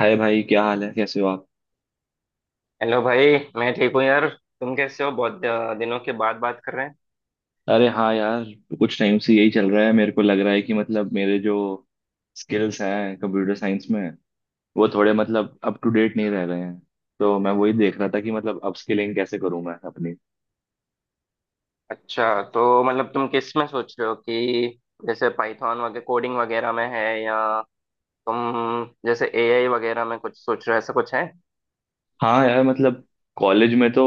हाय भाई, क्या हाल है? कैसे हो आप? हेलो भाई। मैं ठीक हूँ यार। तुम कैसे हो? बहुत दिनों के बाद बात कर रहे हैं। अरे हाँ यार, कुछ टाइम से यही चल रहा है। मेरे को लग रहा है कि मतलब मेरे जो स्किल्स हैं कंप्यूटर साइंस में, वो थोड़े मतलब अप टू डेट नहीं रह रहे हैं। तो मैं वही देख रहा था कि मतलब अप स्किलिंग कैसे करूँ मैं अपनी। अच्छा, तो मतलब तुम किस में सोच रहे हो कि जैसे पाइथन वगैरह कोडिंग वगैरह में है, या तुम जैसे एआई वगैरह में कुछ सोच रहे हो, ऐसा कुछ है? हाँ यार मतलब कॉलेज में तो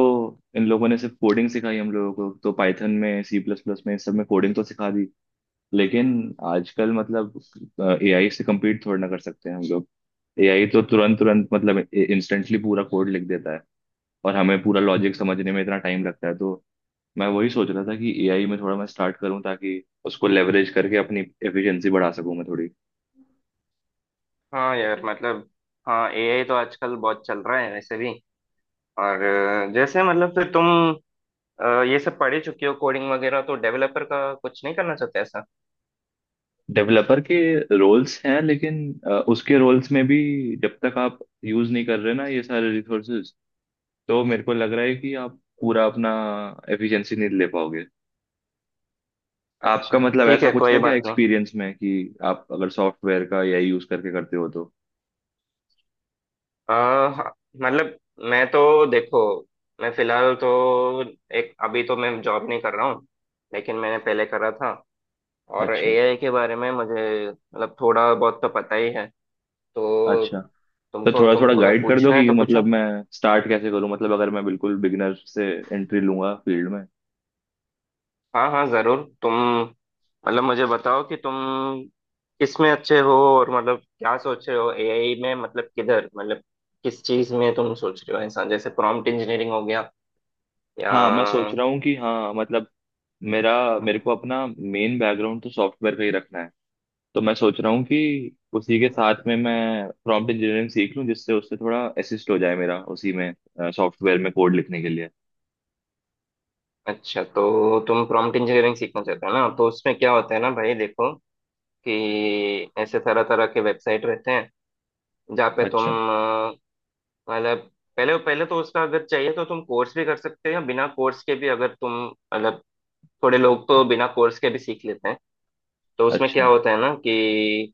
इन लोगों ने सिर्फ कोडिंग सिखाई हम लोगों को, तो पाइथन में, सी प्लस प्लस में, इन सब में कोडिंग तो सिखा दी, लेकिन आजकल मतलब एआई से कम्पीट थोड़ा ना कर सकते हैं हम लोग। एआई तो तुरंत तुरंत मतलब इंस्टेंटली पूरा कोड लिख देता है, और हमें पूरा लॉजिक समझने में इतना टाइम लगता है। तो मैं वही सोच रहा था कि एआई में थोड़ा मैं स्टार्ट करूं ताकि उसको लेवरेज करके अपनी एफिशिएंसी बढ़ा सकूं मैं थोड़ी। हाँ यार मतलब, हाँ एआई तो आजकल बहुत चल रहा है वैसे भी। और जैसे मतलब फिर तुम ये सब पढ़ ही चुकी हो कोडिंग वगैरह, तो डेवलपर का कुछ नहीं करना चाहते ऐसा? डेवलपर के रोल्स हैं लेकिन उसके रोल्स में भी जब तक आप यूज नहीं कर रहे ना ये सारे रिसोर्सेज, तो मेरे को लग रहा है कि आप पूरा अपना एफिशिएंसी नहीं ले पाओगे। आपका अच्छा मतलब ठीक ऐसा है, कुछ कोई है क्या बात नहीं। एक्सपीरियंस में कि आप अगर सॉफ्टवेयर का एआई यूज करके करते हो तो? हाँ, मतलब मैं तो देखो, मैं फिलहाल तो, एक अभी तो मैं जॉब नहीं कर रहा हूँ लेकिन मैंने पहले करा था। और अच्छा। एआई के बारे में मुझे मतलब थोड़ा बहुत तो पता ही है। तो अच्छा, तो तुमको थोड़ा थोड़ा तुमको अगर गाइड कर दो पूछना है कि तो मतलब पूछो। मैं स्टार्ट कैसे करूं, मतलब अगर मैं बिल्कुल बिगिनर से एंट्री लूंगा फील्ड में। हाँ हाँ, जरूर। तुम मतलब मुझे बताओ कि तुम किस में अच्छे हो, और मतलब क्या सोच रहे हो एआई में, मतलब किधर, मतलब किस चीज में तुम सोच रहे हो, ऐसा जैसे प्रॉम्प्ट इंजीनियरिंग हो गया या? हाँ, मैं सोच रहा हूँ कि हाँ मतलब मेरा मेरे को अपना मेन बैकग्राउंड तो सॉफ्टवेयर का ही रखना है। तो मैं सोच रहा हूँ कि उसी के साथ में मैं प्रॉम्प्ट इंजीनियरिंग सीख लूँ जिससे उससे थोड़ा असिस्ट हो जाए मेरा उसी में, सॉफ्टवेयर में कोड लिखने के लिए। अच्छा, तो तुम प्रॉम्प्ट इंजीनियरिंग सीखना चाहते हो ना? तो उसमें क्या होता है ना भाई, देखो कि ऐसे तरह तरह के वेबसाइट रहते हैं जहाँ पे तुम अच्छा। मतलब पहले पहले तो उसका अगर चाहिए तो तुम कोर्स भी कर सकते हो, या बिना कोर्स के भी अगर तुम मतलब, थोड़े लोग तो बिना कोर्स के भी सीख लेते हैं। तो उसमें क्या अच्छा। होता है ना कि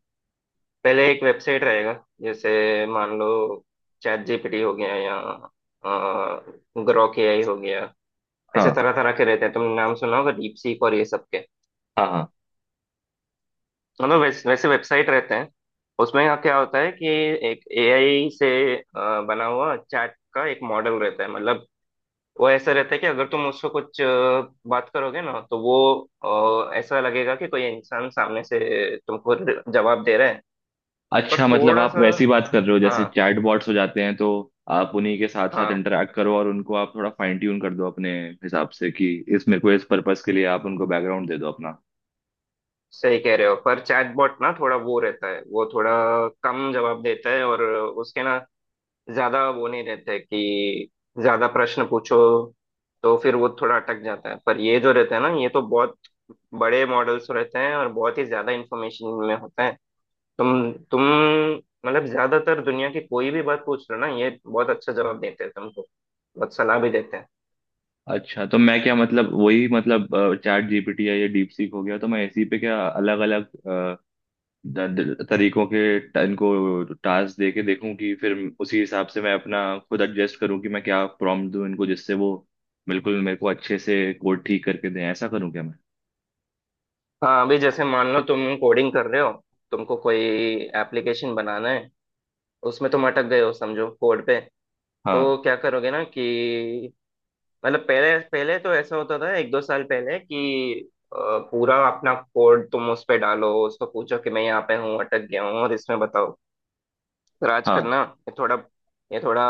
पहले एक वेबसाइट रहेगा, जैसे मान लो चैट जीपीटी हो गया या ग्रोक एआई हो गया। ऐसे हाँ, तरह तरह के रहते हैं, तुमने नाम सुना होगा डीप सीक और ये सब के। हाँ, हाँ। मतलब वैसे वेबसाइट रहते हैं। उसमें यहाँ क्या होता है कि एक एआई से अ, बना हुआ चैट का एक मॉडल रहता है। मतलब वो ऐसा रहता है कि अगर तुम उसको कुछ बात करोगे ना तो वो ऐसा लगेगा कि कोई इंसान सामने से तुमको जवाब दे रहा है, पर अच्छा, मतलब थोड़ा आप सा। वैसी बात कर रहे हो जैसे हाँ चैट बॉट्स हो जाते हैं, तो आप उन्हीं के साथ साथ हाँ, इंटरेक्ट करो और उनको आप थोड़ा फाइन ट्यून कर दो अपने हिसाब से कि इस मेरे को इस पर्पस के लिए आप उनको बैकग्राउंड दे दो अपना। सही कह रहे हो। पर चैटबॉट ना थोड़ा वो रहता है, वो थोड़ा कम जवाब देता है, और उसके ना ज्यादा वो नहीं रहते कि ज्यादा प्रश्न पूछो तो फिर वो थोड़ा अटक जाता है। पर ये जो रहता है ना, ये तो बहुत बड़े मॉडल्स रहते हैं, और बहुत ही ज्यादा इंफॉर्मेशन में होता है। तुम मतलब ज्यादातर दुनिया की कोई भी बात पूछ लो ना, ये बहुत अच्छा जवाब देते हैं तुमको, बहुत सलाह भी देते हैं। अच्छा, तो मैं क्या मतलब वही मतलब चैट जीपीटी या ये डीप सीक हो गया, तो मैं इसी पे क्या अलग अलग तरीकों के इनको टास्क दे के देखूं कि फिर उसी हिसाब से मैं अपना खुद एडजस्ट करूं कि मैं क्या प्रॉम्प्ट दूं इनको जिससे वो बिल्कुल मेरे को अच्छे से कोड ठीक करके दें। ऐसा करूं क्या मैं? हाँ अभी जैसे मान लो तुम कोडिंग कर रहे हो, तुमको कोई एप्लीकेशन बनाना है, उसमें तुम अटक गए हो समझो कोड पे। हाँ, तो क्या करोगे ना कि मतलब पहले पहले तो ऐसा होता था एक दो साल पहले कि पूरा अपना कोड तुम उस पे डालो, उसको पूछो कि मैं यहाँ पे हूँ अटक गया हूँ और इसमें बताओ। पर हाँ, आजकल ना ये थोड़ा ये थोड़ा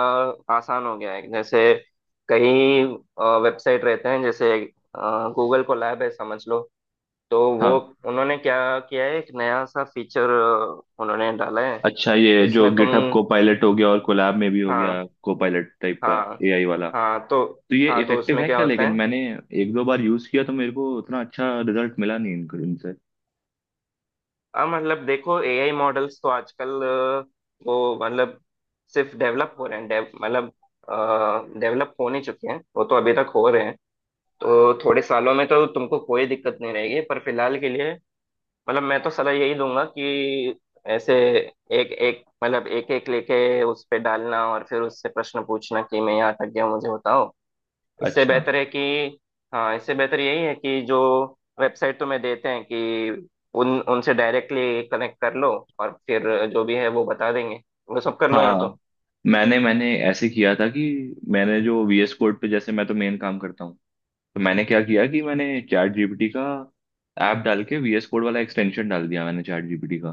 आसान हो गया है। जैसे कई वेबसाइट रहते हैं, जैसे गूगल कोलैब है समझ लो, तो वो हाँ। उन्होंने क्या किया है, एक नया सा फीचर उन्होंने डाला है अच्छा, ये जो जिसमें तुम, गिटहब को पायलट हो गया और कोलैब में भी हो गया हाँ को पायलट टाइप का हाँ एआई वाला, तो हाँ। तो ये हाँ, तो इफेक्टिव उसमें है क्या क्या? होता लेकिन है। मैंने एक दो बार यूज किया तो मेरे को उतना अच्छा रिजल्ट मिला नहीं इनको इनसे। अब मतलब देखो एआई मॉडल्स तो आजकल वो मतलब सिर्फ डेवलप हो रहे हैं, डेव मतलब डेवलप हो नहीं चुके हैं, वो तो अभी तक हो रहे हैं। तो थोड़े सालों में तो तुमको कोई दिक्कत नहीं रहेगी पर फिलहाल के लिए मतलब मैं तो सलाह यही दूंगा कि ऐसे एक एक मतलब एक एक लेके उस पे डालना और फिर उससे प्रश्न पूछना कि मैं यहाँ तक गया हूँ, मुझे बताओ। इससे अच्छा। बेहतर है कि, हाँ इससे बेहतर यही है कि जो वेबसाइट तुम्हें देते हैं कि उन उनसे डायरेक्टली कनेक्ट कर लो, और फिर जो भी है वो बता देंगे, वो सब कर लो या हाँ, तो। मैंने मैंने ऐसे किया था कि मैंने जो VS कोड पे जैसे मैं तो मेन काम करता हूँ, तो मैंने क्या किया कि मैंने चैट जीपीटी का ऐप डाल के VS कोड वाला एक्सटेंशन डाल दिया मैंने चैट जीपीटी का।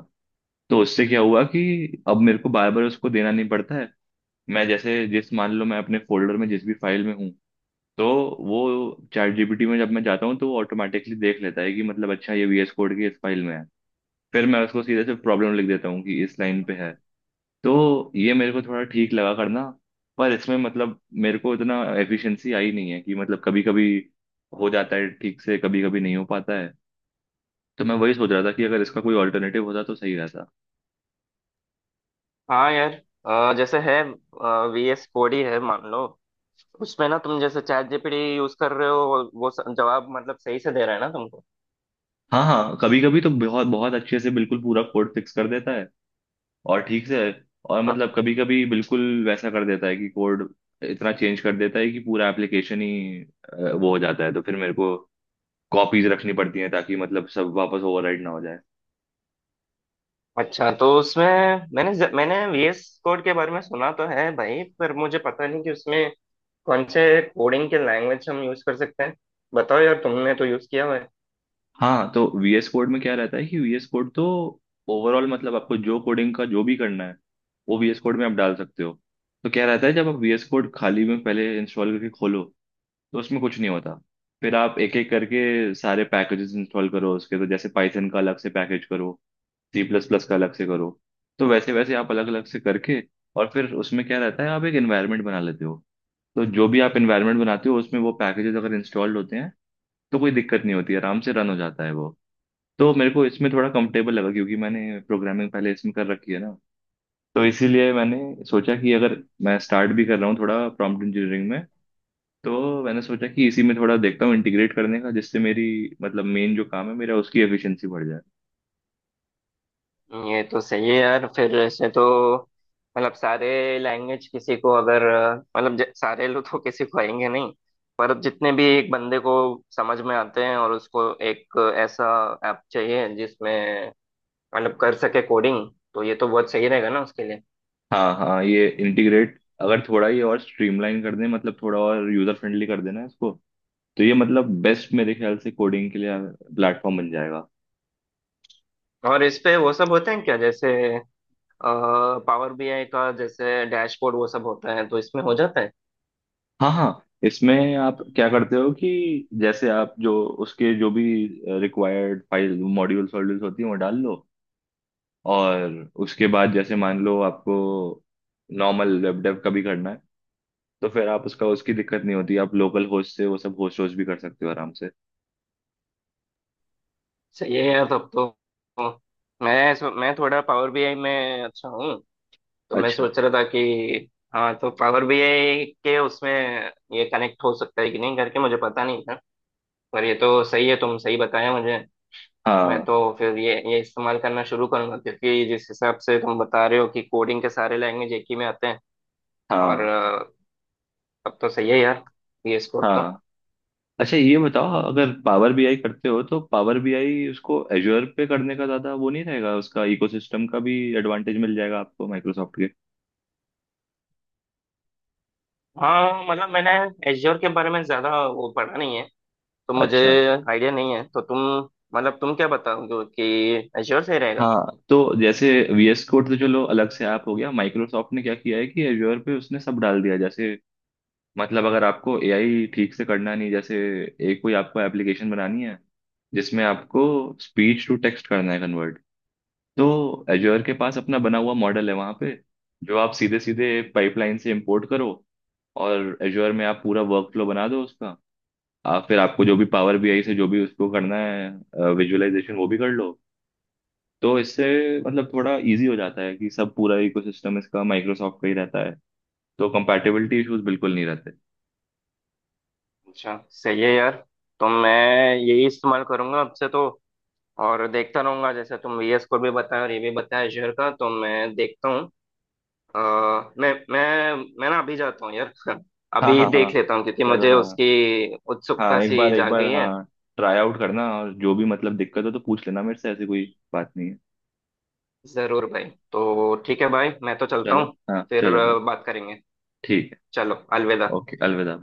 तो उससे क्या हुआ कि अब मेरे को बार बार उसको देना नहीं पड़ता है। मैं जैसे जिस मान लो मैं अपने फोल्डर में जिस भी फाइल में हूँ, तो वो चैट जीपीटी में जब मैं जाता हूँ तो वो ऑटोमेटिकली देख लेता है कि मतलब अच्छा ये वीएस कोड की इस फाइल में है। फिर मैं उसको सीधे से प्रॉब्लम लिख देता हूँ कि इस लाइन पे है। तो ये मेरे को थोड़ा ठीक लगा करना। पर इसमें मतलब मेरे को इतना एफिशिएंसी आई नहीं है कि मतलब कभी कभी हो जाता है ठीक से, कभी कभी नहीं हो पाता है। तो मैं वही सोच रहा था कि अगर इसका कोई ऑल्टरनेटिव होता तो सही रहता। हाँ यार। जैसे है VS कोड ही है मान लो, उसमें ना तुम जैसे चैट जीपीटी यूज कर रहे हो, वो जवाब मतलब सही से दे रहा है ना तुमको? हाँ, हाँ, कभी कभी तो बहुत बहुत अच्छे से बिल्कुल पूरा कोड फिक्स कर देता है और ठीक से, और मतलब हाँ। कभी कभी बिल्कुल वैसा कर देता है कि कोड इतना चेंज कर देता है कि पूरा एप्लीकेशन ही वो हो जाता है, तो फिर मेरे को कॉपीज रखनी पड़ती हैं ताकि मतलब सब वापस ओवरराइट ना हो जाए। अच्छा तो उसमें मैंने VS कोड के बारे में सुना तो है भाई, पर मुझे पता नहीं कि उसमें कौन से कोडिंग के लैंग्वेज हम यूज कर सकते हैं। बताओ यार, तुमने तो यूज किया हुआ है। हाँ, तो VS कोड में क्या रहता है कि VS कोड तो ओवरऑल मतलब आपको जो कोडिंग का जो भी करना है वो VS कोड में आप डाल सकते हो। तो क्या रहता है जब आप VS कोड खाली में पहले इंस्टॉल करके खोलो तो उसमें कुछ नहीं होता। फिर आप एक एक करके सारे पैकेजेस इंस्टॉल करो उसके, तो जैसे पाइथन का अलग से पैकेज करो, सी प्लस प्लस का अलग से करो। तो वैसे वैसे आप अलग अलग से करके, और फिर उसमें क्या रहता है आप एक एनवायरनमेंट बना लेते हो। तो जो भी आप एनवायरनमेंट बनाते हो उसमें वो पैकेजेस अगर इंस्टॉल्ड होते हैं तो कोई दिक्कत नहीं होती, आराम से रन हो जाता है वो। तो मेरे को इसमें थोड़ा कंफर्टेबल लगा क्योंकि मैंने प्रोग्रामिंग पहले इसमें कर रखी है ना। तो इसीलिए मैंने सोचा कि अगर मैं स्टार्ट भी कर रहा हूँ थोड़ा प्रॉम्प्ट इंजीनियरिंग में, तो मैंने सोचा कि इसी में थोड़ा देखता हूँ इंटीग्रेट करने का जिससे मेरी मतलब मेन जो काम है मेरा उसकी एफिशिएंसी बढ़ जाए। ये तो सही है यार। फिर ऐसे तो मतलब सारे लैंग्वेज किसी को अगर मतलब सारे लोग तो किसी को आएंगे नहीं, पर अब जितने भी एक बंदे को समझ में आते हैं, और उसको एक ऐसा ऐप चाहिए जिसमें मतलब कर सके कोडिंग, तो ये तो बहुत सही रहेगा ना उसके लिए। हाँ, हाँ, ये इंटीग्रेट अगर थोड़ा ये और स्ट्रीमलाइन कर दें मतलब थोड़ा और यूजर फ्रेंडली कर देना इसको, तो ये मतलब बेस्ट मेरे ख्याल से कोडिंग के लिए प्लेटफॉर्म बन जाएगा। और इस पे वो सब होते हैं क्या, जैसे पावर बीआई का जैसे डैशबोर्ड वो सब होता है तो इसमें हो जाता है? हाँ, हाँ, इसमें आप क्या करते हो कि जैसे आप जो उसके जो भी रिक्वायर्ड फाइल मॉड्यूल्स वॉड्यूल्स होती हैं वो डाल लो, और उसके बाद जैसे मान लो आपको नॉर्मल वेब डेव का भी करना है, तो फिर आप उसका उसकी दिक्कत नहीं होती, आप लोकल होस्ट से वो सब होस्ट होस्ट भी कर सकते हो आराम से। सही है यार तब तो। मैं थोड़ा पावर बीआई में अच्छा हूँ, तो मैं अच्छा। सोच रहा था कि, हाँ तो पावर बीआई के उसमें ये कनेक्ट हो सकता है कि नहीं करके मुझे पता नहीं था, पर ये तो सही है, तुम सही बताया मुझे। मैं हाँ, तो फिर ये इस्तेमाल करना शुरू करूंगा क्योंकि जिस हिसाब से तुम बता रहे हो कि कोडिंग के सारे लैंग्वेज एक ही में आते हैं। और हाँ, तब तो सही है यार, ये स्कोप तो। हाँ। अच्छा, ये बताओ अगर पावर बीआई करते हो तो पावर बीआई उसको एजोर पे करने का ज्यादा वो नहीं रहेगा, उसका इकोसिस्टम का भी एडवांटेज मिल जाएगा आपको माइक्रोसॉफ्ट के। हाँ मतलब मैंने एज्योर के बारे में ज्यादा वो पढ़ा नहीं है, तो मुझे अच्छा। आइडिया नहीं है। तो तुम मतलब तुम क्या बताओगे कि एश्योर सही रहेगा? हाँ, तो जैसे वीएस कोड तो चलो अलग से ऐप हो गया, माइक्रोसॉफ्ट ने क्या किया है कि एजोर पे उसने सब डाल दिया। जैसे मतलब अगर आपको एआई ठीक से करना नहीं, जैसे एक कोई आपको एप्लीकेशन बनानी है जिसमें आपको स्पीच टू टेक्स्ट करना है कन्वर्ट, तो एज्योर के पास अपना बना हुआ मॉडल है वहां पे जो आप सीधे सीधे पाइपलाइन से इंपोर्ट करो, और एज्योर में आप पूरा वर्क फ्लो बना दो उसका। आप फिर आपको जो भी पावर बीआई से जो भी उसको करना है विजुअलाइजेशन वो भी कर लो। तो इससे मतलब थोड़ा इजी हो जाता है कि सब पूरा इकोसिस्टम इसका माइक्रोसॉफ्ट का ही रहता है, तो कंपैटिबिलिटी इश्यूज बिल्कुल नहीं रहते। अच्छा सही है यार। तो मैं यही इस्तेमाल करूंगा अब से, तो और देखता रहूंगा जैसे तुम VS को भी बताया और ये भी बताया एश्योर का, तो मैं देखता हूँ। अ, मैं मैं मैं ना अभी जाता हूँ यार। हाँ, अभी हाँ, हाँ। देख लेता हूँ क्योंकि चलो। मुझे हाँ, उसकी हाँ, उत्सुकता एक सी बार एक जाग बार, गई है। हाँ, ट्राई आउट करना, और जो भी मतलब दिक्कत हो तो पूछ लेना मेरे से, ऐसी कोई बात नहीं है। जरूर भाई। तो ठीक है भाई, मैं तो चलता चलो। हूँ। हाँ, फिर चलो भाई। बात करेंगे। ठीक है। चलो, अलविदा। ओके, अलविदा।